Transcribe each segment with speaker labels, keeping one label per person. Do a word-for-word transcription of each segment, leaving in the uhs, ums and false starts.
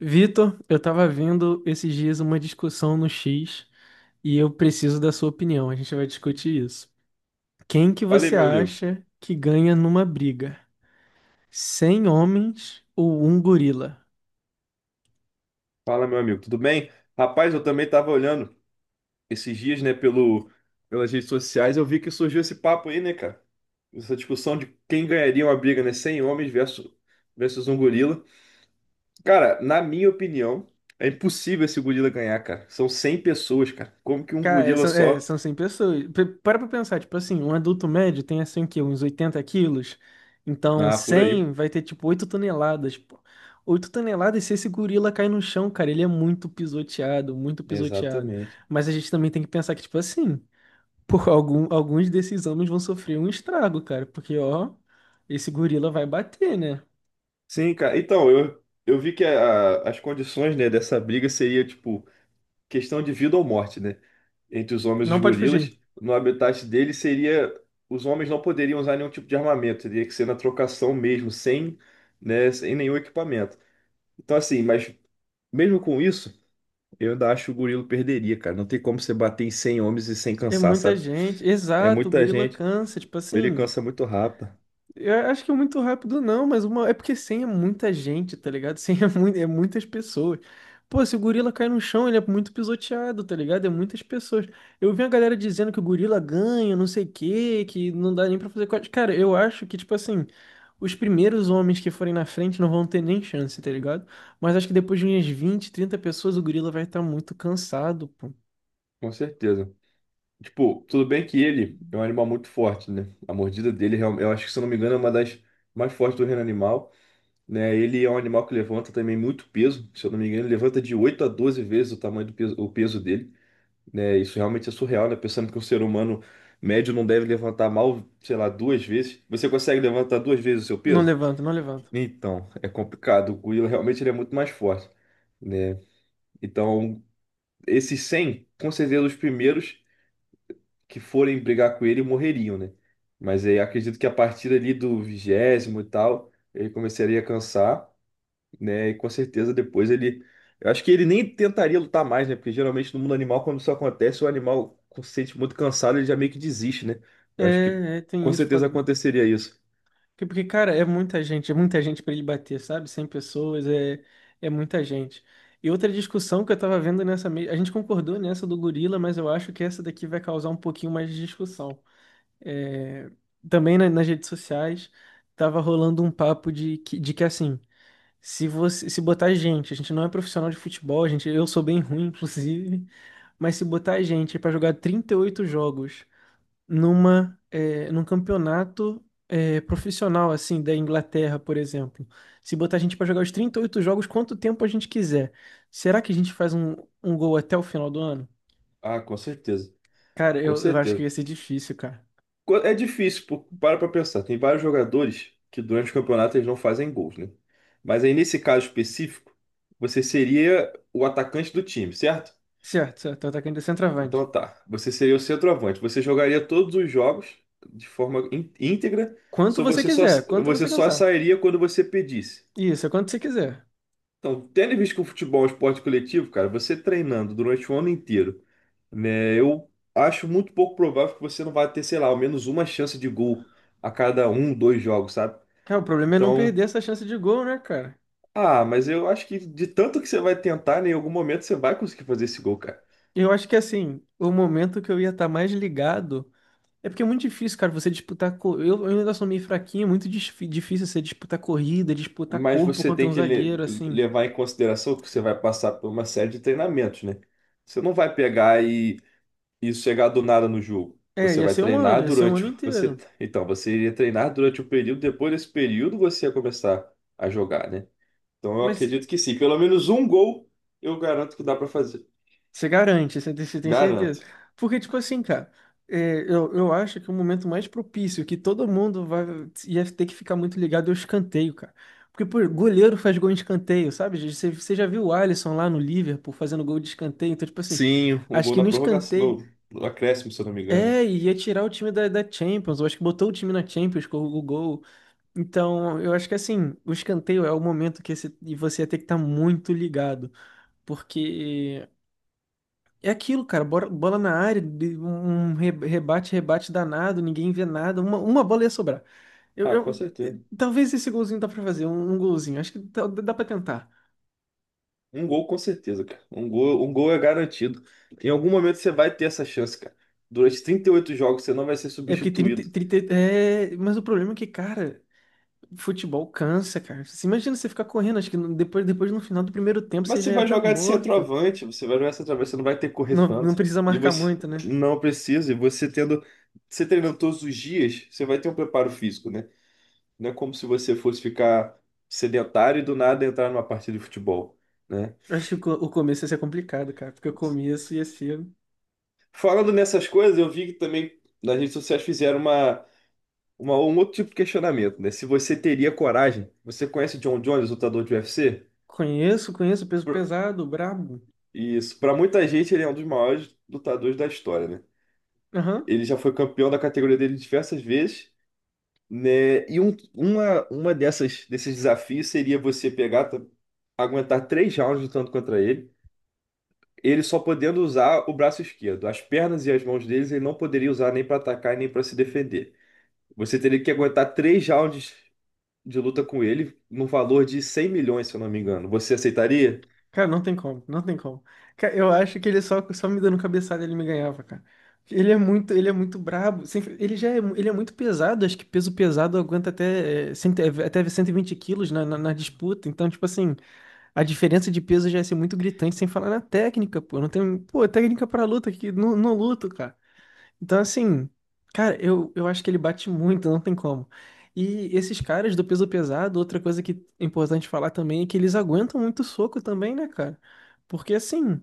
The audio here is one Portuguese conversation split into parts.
Speaker 1: Vitor, eu tava vendo esses dias uma discussão no X e eu preciso da sua opinião. A gente vai discutir isso. Quem que
Speaker 2: Olha aí,
Speaker 1: você
Speaker 2: meu amigo.
Speaker 1: acha que ganha numa briga? Cem homens ou um gorila?
Speaker 2: Fala, meu amigo, tudo bem? Rapaz, eu também tava olhando esses dias, né, pelo, pelas redes sociais, eu vi que surgiu esse papo aí, né, cara? Essa discussão de quem ganharia uma briga, né? Cem homens versus, versus um gorila. Cara, na minha opinião, é impossível esse gorila ganhar, cara. São cem pessoas, cara. Como que um
Speaker 1: Cara, é,
Speaker 2: gorila
Speaker 1: são, é,
Speaker 2: só?
Speaker 1: são cem pessoas. P- Para pra pensar, tipo assim, um adulto médio tem assim o quê? Uns oitenta quilos. Então
Speaker 2: Ah, por aí.
Speaker 1: cem vai ter tipo oito toneladas, pô. oito toneladas, se esse gorila cai no chão, cara, ele é muito pisoteado, muito pisoteado.
Speaker 2: Exatamente.
Speaker 1: Mas a gente também tem que pensar que, tipo assim. Por algum, alguns desses homens vão sofrer um estrago, cara, porque ó, esse gorila vai bater, né?
Speaker 2: Sim, cara. Então, eu, eu vi que a- as condições, né, dessa briga seria, tipo, questão de vida ou morte, né? Entre os homens e os
Speaker 1: Não pode fugir.
Speaker 2: gorilas. No habitat dele seria. Os homens não poderiam usar nenhum tipo de armamento, teria que ser na trocação mesmo, sem, né, sem nenhum equipamento. Então, assim, mas mesmo com isso, eu ainda acho que o gorila perderia, cara. Não tem como você bater em cem homens e sem
Speaker 1: É
Speaker 2: cansar,
Speaker 1: muita
Speaker 2: sabe?
Speaker 1: gente.
Speaker 2: É
Speaker 1: Exato, o
Speaker 2: muita
Speaker 1: gorila
Speaker 2: gente,
Speaker 1: cansa, tipo
Speaker 2: ele
Speaker 1: assim.
Speaker 2: cansa muito rápido,
Speaker 1: Eu acho que é muito rápido, não, mas uma... é porque cem é muita gente, tá ligado? Cem é, mui- é muitas pessoas. Pô, se o gorila cai no chão, ele é muito pisoteado, tá ligado? É muitas pessoas. Eu vi a galera dizendo que o gorila ganha, não sei o quê, que não dá nem pra fazer corte. Cara, eu acho que, tipo assim, os primeiros homens que forem na frente não vão ter nem chance, tá ligado? Mas acho que depois de umas vinte, trinta pessoas, o gorila vai estar muito cansado, pô.
Speaker 2: com certeza. Tipo, tudo bem que ele é um animal muito forte, né? A mordida dele, é real- eu acho que, se eu não me engano, é uma das mais fortes do reino animal, né? Ele é um animal que levanta também muito peso, se eu não me engano, ele levanta de oito a doze vezes o tamanho do peso, o peso dele, né? Isso realmente é surreal, né? Pensando que um ser humano médio não deve levantar mal, sei lá, duas vezes. Você consegue levantar duas vezes o seu
Speaker 1: Não
Speaker 2: peso?
Speaker 1: levanta, não levanta.
Speaker 2: Então, é complicado. O gorila realmente ele é muito mais forte, né? Então, esses cem com certeza os primeiros que forem brigar com ele morreriam, né? Mas aí acredito que a partir ali do vigésimo e tal, ele começaria a cansar, né? E com certeza depois ele. Eu acho que ele nem tentaria lutar mais, né? Porque geralmente no mundo animal, quando isso acontece, o animal se sente muito cansado, ele já meio que desiste, né? Eu acho que
Speaker 1: É, é,
Speaker 2: com
Speaker 1: tem isso.
Speaker 2: certeza aconteceria isso.
Speaker 1: Porque, porque, cara, é muita gente, é muita gente pra ele bater, sabe? Cem pessoas, é, é muita gente. E outra discussão que eu tava vendo nessa mesma. A gente concordou nessa do gorila, mas eu acho que essa daqui vai causar um pouquinho mais de discussão. É, também na- nas redes sociais, tava rolando um papo de que, de que assim, se você se botar gente, a gente não é profissional de futebol, a gente, eu sou bem ruim, inclusive, mas se botar gente pra jogar trinta e oito jogos numa eh, num campeonato eh, profissional assim da Inglaterra, por exemplo. Se botar a gente para jogar os trinta e oito jogos, quanto tempo a gente quiser, será que a gente faz um, um gol até o final do ano?
Speaker 2: Ah, com certeza.
Speaker 1: Cara,
Speaker 2: Com
Speaker 1: eu, eu acho que
Speaker 2: certeza.
Speaker 1: ia ser difícil, cara.
Speaker 2: Co- É difícil, pô, para pra pensar. Tem vários jogadores que durante o campeonato eles não fazem gols, né? Mas aí nesse caso específico, você seria o atacante do time, certo?
Speaker 1: Certo, certo, tô atacando de centroavante.
Speaker 2: Então tá, você seria o centroavante. Você jogaria todos os jogos de forma ín- íntegra,
Speaker 1: Quanto
Speaker 2: só
Speaker 1: você
Speaker 2: você só,
Speaker 1: quiser, quanto
Speaker 2: você
Speaker 1: você
Speaker 2: só
Speaker 1: cansar.
Speaker 2: sairia quando você pedisse.
Speaker 1: Isso, é quanto você quiser.
Speaker 2: Então, tendo em vista que o futebol é um esporte coletivo, cara, você treinando durante o ano inteiro, né? Eu acho muito pouco provável que você não vai ter, sei lá, ao menos uma chance de gol a cada um, dois jogos, sabe?
Speaker 1: Cara, o problema é não
Speaker 2: Então,
Speaker 1: perder essa chance de gol, né, cara?
Speaker 2: ah, mas eu acho que de tanto que você vai tentar, né, em algum momento você vai conseguir fazer esse gol, cara.
Speaker 1: Eu acho que assim, o momento que eu ia estar mais ligado. É porque é muito difícil, cara, você disputar. co- Eu, eu ainda sou meio fraquinho, é muito dis- difícil você disputar corrida, disputar
Speaker 2: Mas
Speaker 1: corpo
Speaker 2: você
Speaker 1: contra
Speaker 2: tem
Speaker 1: um
Speaker 2: que le-
Speaker 1: zagueiro, assim.
Speaker 2: levar em consideração que você vai passar por uma série de treinamentos, né? Você não vai pegar e, e chegar do nada no jogo.
Speaker 1: É,
Speaker 2: Você
Speaker 1: ia
Speaker 2: vai
Speaker 1: ser um ano,
Speaker 2: treinar
Speaker 1: ia ser um
Speaker 2: durante.
Speaker 1: ano
Speaker 2: o- Você,
Speaker 1: inteiro.
Speaker 2: então, você iria treinar durante o período, depois desse período você ia começar a jogar, né? Então eu
Speaker 1: Mas
Speaker 2: acredito que sim. Pelo menos um gol eu garanto que dá pra fazer.
Speaker 1: você garante, você tem, você tem certeza.
Speaker 2: Garanto.
Speaker 1: Porque, tipo assim, cara, é, eu, eu acho que o momento mais propício que todo mundo vai, ia ter que ficar muito ligado é o escanteio, cara. Porque, pô, goleiro faz gol em escanteio, sabe? Você, você já viu o Alisson lá no Liverpool fazendo gol de escanteio? Então, tipo assim,
Speaker 2: Sim, um
Speaker 1: acho
Speaker 2: gol
Speaker 1: que
Speaker 2: na
Speaker 1: no
Speaker 2: prorrogação,
Speaker 1: escanteio.
Speaker 2: no, no acréscimo, se eu não me engano.
Speaker 1: É, e ia tirar o time da, da Champions. Eu acho que botou o time na Champions com o gol. Então, eu acho que assim, o escanteio é o momento que esse- e você ia ter que estar muito ligado. Porque é aquilo, cara, bora- bola na área, de- um re- rebate, rebate danado, ninguém vê nada, uma, uma bola ia sobrar. Eu,
Speaker 2: Ah, com
Speaker 1: eu- eh,
Speaker 2: certeza.
Speaker 1: talvez esse golzinho dá pra fazer, um, um golzinho. Acho que dá, dá pra tentar.
Speaker 2: Um gol com certeza, cara. Um gol, um gol é garantido. Em algum momento você vai ter essa chance, cara. Durante trinta e oito jogos você não vai ser
Speaker 1: É porque trinta,
Speaker 2: substituído.
Speaker 1: trinta, é, mas o problema é que, cara, futebol cansa, cara. Você imagina você ficar correndo, acho que no- depois, depois no final do primeiro tempo
Speaker 2: Mas
Speaker 1: você
Speaker 2: você
Speaker 1: já ia
Speaker 2: vai
Speaker 1: estar
Speaker 2: jogar de
Speaker 1: morto.
Speaker 2: centroavante, você vai jogar de centroavante, você não vai ter que correr
Speaker 1: Não, não
Speaker 2: tanto.
Speaker 1: precisa
Speaker 2: E
Speaker 1: marcar
Speaker 2: você
Speaker 1: muito, né?
Speaker 2: não precisa, e você tendo, você treinando todos os dias, você vai ter um preparo físico, né? Não é como se você fosse ficar sedentário e do nada entrar numa partida de futebol, né?
Speaker 1: Eu acho que o co- o começo ia ser complicado, cara, porque o começo ia ser.
Speaker 2: Falando nessas coisas, eu vi que também nas redes sociais fizeram uma uma- um outro tipo de questionamento, né? Se você teria coragem, você conhece o John Jones, lutador de U F C?
Speaker 1: Conheço, conheço, peso
Speaker 2: Por-
Speaker 1: pesado, brabo.
Speaker 2: Isso, para muita gente ele é um dos maiores lutadores da história, né?
Speaker 1: Aham.
Speaker 2: Ele já foi campeão da categoria dele diversas vezes, né? E um, uma, uma dessas desses desafios seria você pegar, t- aguentar três rounds lutando contra ele, ele só podendo usar o braço esquerdo, as pernas e as mãos deles ele não poderia usar nem para atacar e nem para se defender. Você teria que aguentar três rounds de luta com ele no valor de cem milhões, se eu não me engano. Você aceitaria?
Speaker 1: Cara, não tem como, não tem como. Cara, eu acho que ele só, só me dando cabeçada ele me ganhava, cara. Ele é muito, ele é muito brabo. Sempre- Ele já é, mu- ele é muito pesado, acho que peso pesado aguenta até, eh, cento- é, até cento e vinte quilos na, na na disputa. Então, tipo assim. A diferença de peso já ia ser muito gritante, sem falar na técnica, pô. Não tem, pô, técnica pra luta, que não, não luto, cara. Então, assim, cara, eu, eu acho que ele bate muito, não tem como. E esses caras do peso pesado, outra coisa que é importante falar também é que eles aguentam muito soco também, né, cara? Porque, assim,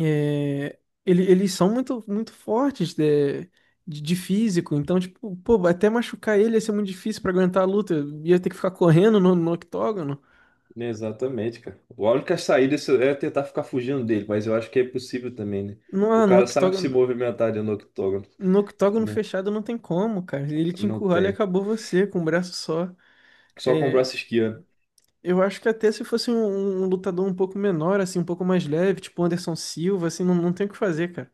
Speaker 1: é, ele- eles são muito, muito fortes de, de, de físico, então, tipo, pô, até machucar ele ia ser muito difícil pra aguentar a luta. Ia ter que ficar correndo no, no octógono.
Speaker 2: Exatamente, cara. A única saída é tentar ficar fugindo dele, mas eu acho que é possível também, né?
Speaker 1: Não,
Speaker 2: O
Speaker 1: ah, no
Speaker 2: cara sabe se
Speaker 1: octógono.
Speaker 2: movimentar dentro do octógono,
Speaker 1: No octógono
Speaker 2: né?
Speaker 1: fechado não tem como, cara. Ele te
Speaker 2: Não
Speaker 1: encurrala e
Speaker 2: tem.
Speaker 1: acabou você com um braço só.
Speaker 2: Só com o
Speaker 1: É,
Speaker 2: braço esquerdo.
Speaker 1: eu acho que até se fosse um, um lutador um pouco menor, assim, um pouco mais leve, tipo o Anderson Silva, assim, não, não tem o que fazer, cara.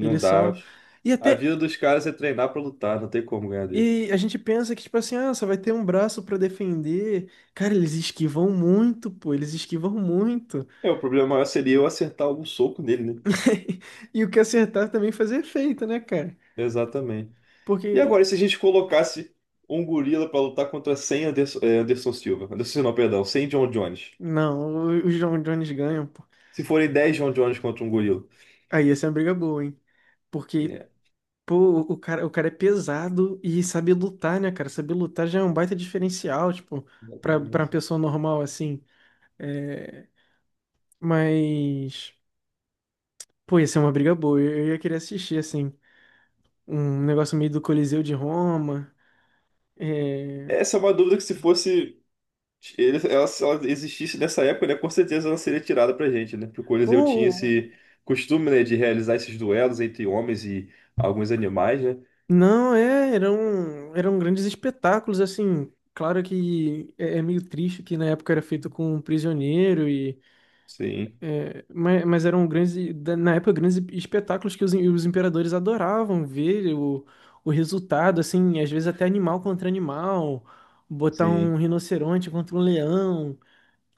Speaker 1: Ele
Speaker 2: dá.
Speaker 1: só. E
Speaker 2: A
Speaker 1: até.
Speaker 2: vida dos caras é treinar pra lutar, não tem como ganhar dele.
Speaker 1: E a gente pensa que, tipo assim, ah, só vai ter um braço pra defender. Cara, eles esquivam muito, pô, eles esquivam muito.
Speaker 2: É, o problema maior seria eu acertar algum soco nele, né?
Speaker 1: E o que acertar também faz efeito, né, cara?
Speaker 2: Exatamente. E
Speaker 1: Porque.
Speaker 2: agora, e se a gente colocasse um gorila pra lutar contra cem Anderson, eh, Anderson Silva? Anderson, não, perdão, cem John Jones.
Speaker 1: Não, os John Jones ganham, pô.
Speaker 2: Se forem dez John Jones contra um gorila.
Speaker 1: Aí ia ser uma briga boa, hein? Porque
Speaker 2: É,
Speaker 1: Pô, o cara, o cara é pesado e sabe lutar, né, cara? Saber lutar já é um baita diferencial, tipo, pra, pra uma
Speaker 2: exatamente.
Speaker 1: pessoa normal, assim. É, mas, pô, ia ser uma briga boa. Eu, eu ia querer assistir, assim, um negócio meio do Coliseu de Roma. É,
Speaker 2: Essa é uma dúvida que se fosse. Ele- ela, se ela existisse nessa época, né, com certeza ela seria tirada pra gente, né? Porque o Coliseu tinha
Speaker 1: pô,
Speaker 2: esse costume, né, de realizar esses duelos entre homens e alguns animais, né?
Speaker 1: não, é, eram, eram grandes espetáculos, assim. Claro que é, é meio triste que na época era feito com um prisioneiro e.
Speaker 2: Sim,
Speaker 1: É, mas, mas eram grandes, e- da- na época, grandes espetáculos que os, im- os imperadores adoravam ver o, o resultado, assim, às vezes até animal contra animal, botar um
Speaker 2: sim,
Speaker 1: rinoceronte contra um leão.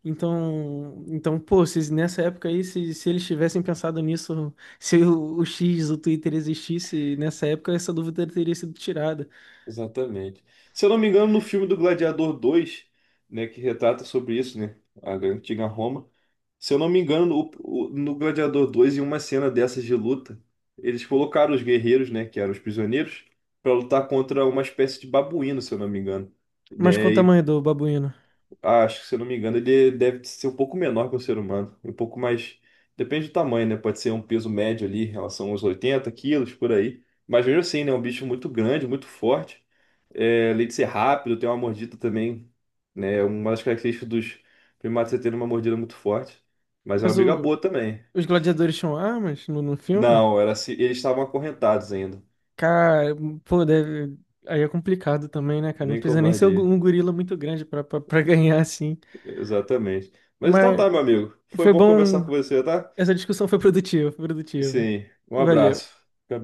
Speaker 1: Então, então, pô, se nessa época aí, se, se eles tivessem pensado nisso, se o, o X, o Twitter existisse nessa época, essa dúvida teria sido tirada.
Speaker 2: exatamente. Se eu não me engano, no filme do Gladiador dois, né, que retrata sobre isso, né? A antiga Roma. Se eu não me engano, o- o- no Gladiador dois em uma cena dessas de luta, eles colocaram os guerreiros, né, que eram os prisioneiros, para lutar contra uma espécie de babuíno, se eu não me engano,
Speaker 1: Mas qual o
Speaker 2: né?
Speaker 1: tamanho do babuíno?
Speaker 2: Ah, acho que, se eu não me engano, ele deve ser um pouco menor que o ser humano. Um pouco mais. Depende do tamanho, né? Pode ser um peso médio ali, em relação aos oitenta quilos, por aí. Mas mesmo assim, né? É um bicho muito grande, muito forte. É, além de ser rápido, tem uma mordida também, né? Uma das características dos primatas é ter uma mordida muito forte. Mas é uma
Speaker 1: Mas
Speaker 2: briga
Speaker 1: o-
Speaker 2: boa também.
Speaker 1: os gladiadores tinham armas no, no filme?
Speaker 2: Não, era se eles estavam acorrentados ainda.
Speaker 1: Cara, pô, deve, aí é complicado também, né, cara? Não
Speaker 2: Bem
Speaker 1: precisa nem ser um gu-
Speaker 2: covardia.
Speaker 1: um gorila muito grande pra, pra, pra, ganhar, assim.
Speaker 2: Exatamente. Mas então
Speaker 1: Mas
Speaker 2: tá, meu amigo. Foi
Speaker 1: foi
Speaker 2: bom conversar
Speaker 1: bom.
Speaker 2: com você, tá?
Speaker 1: Essa discussão foi produtiva, foi produtiva.
Speaker 2: Sim. Um abraço.
Speaker 1: Valeu.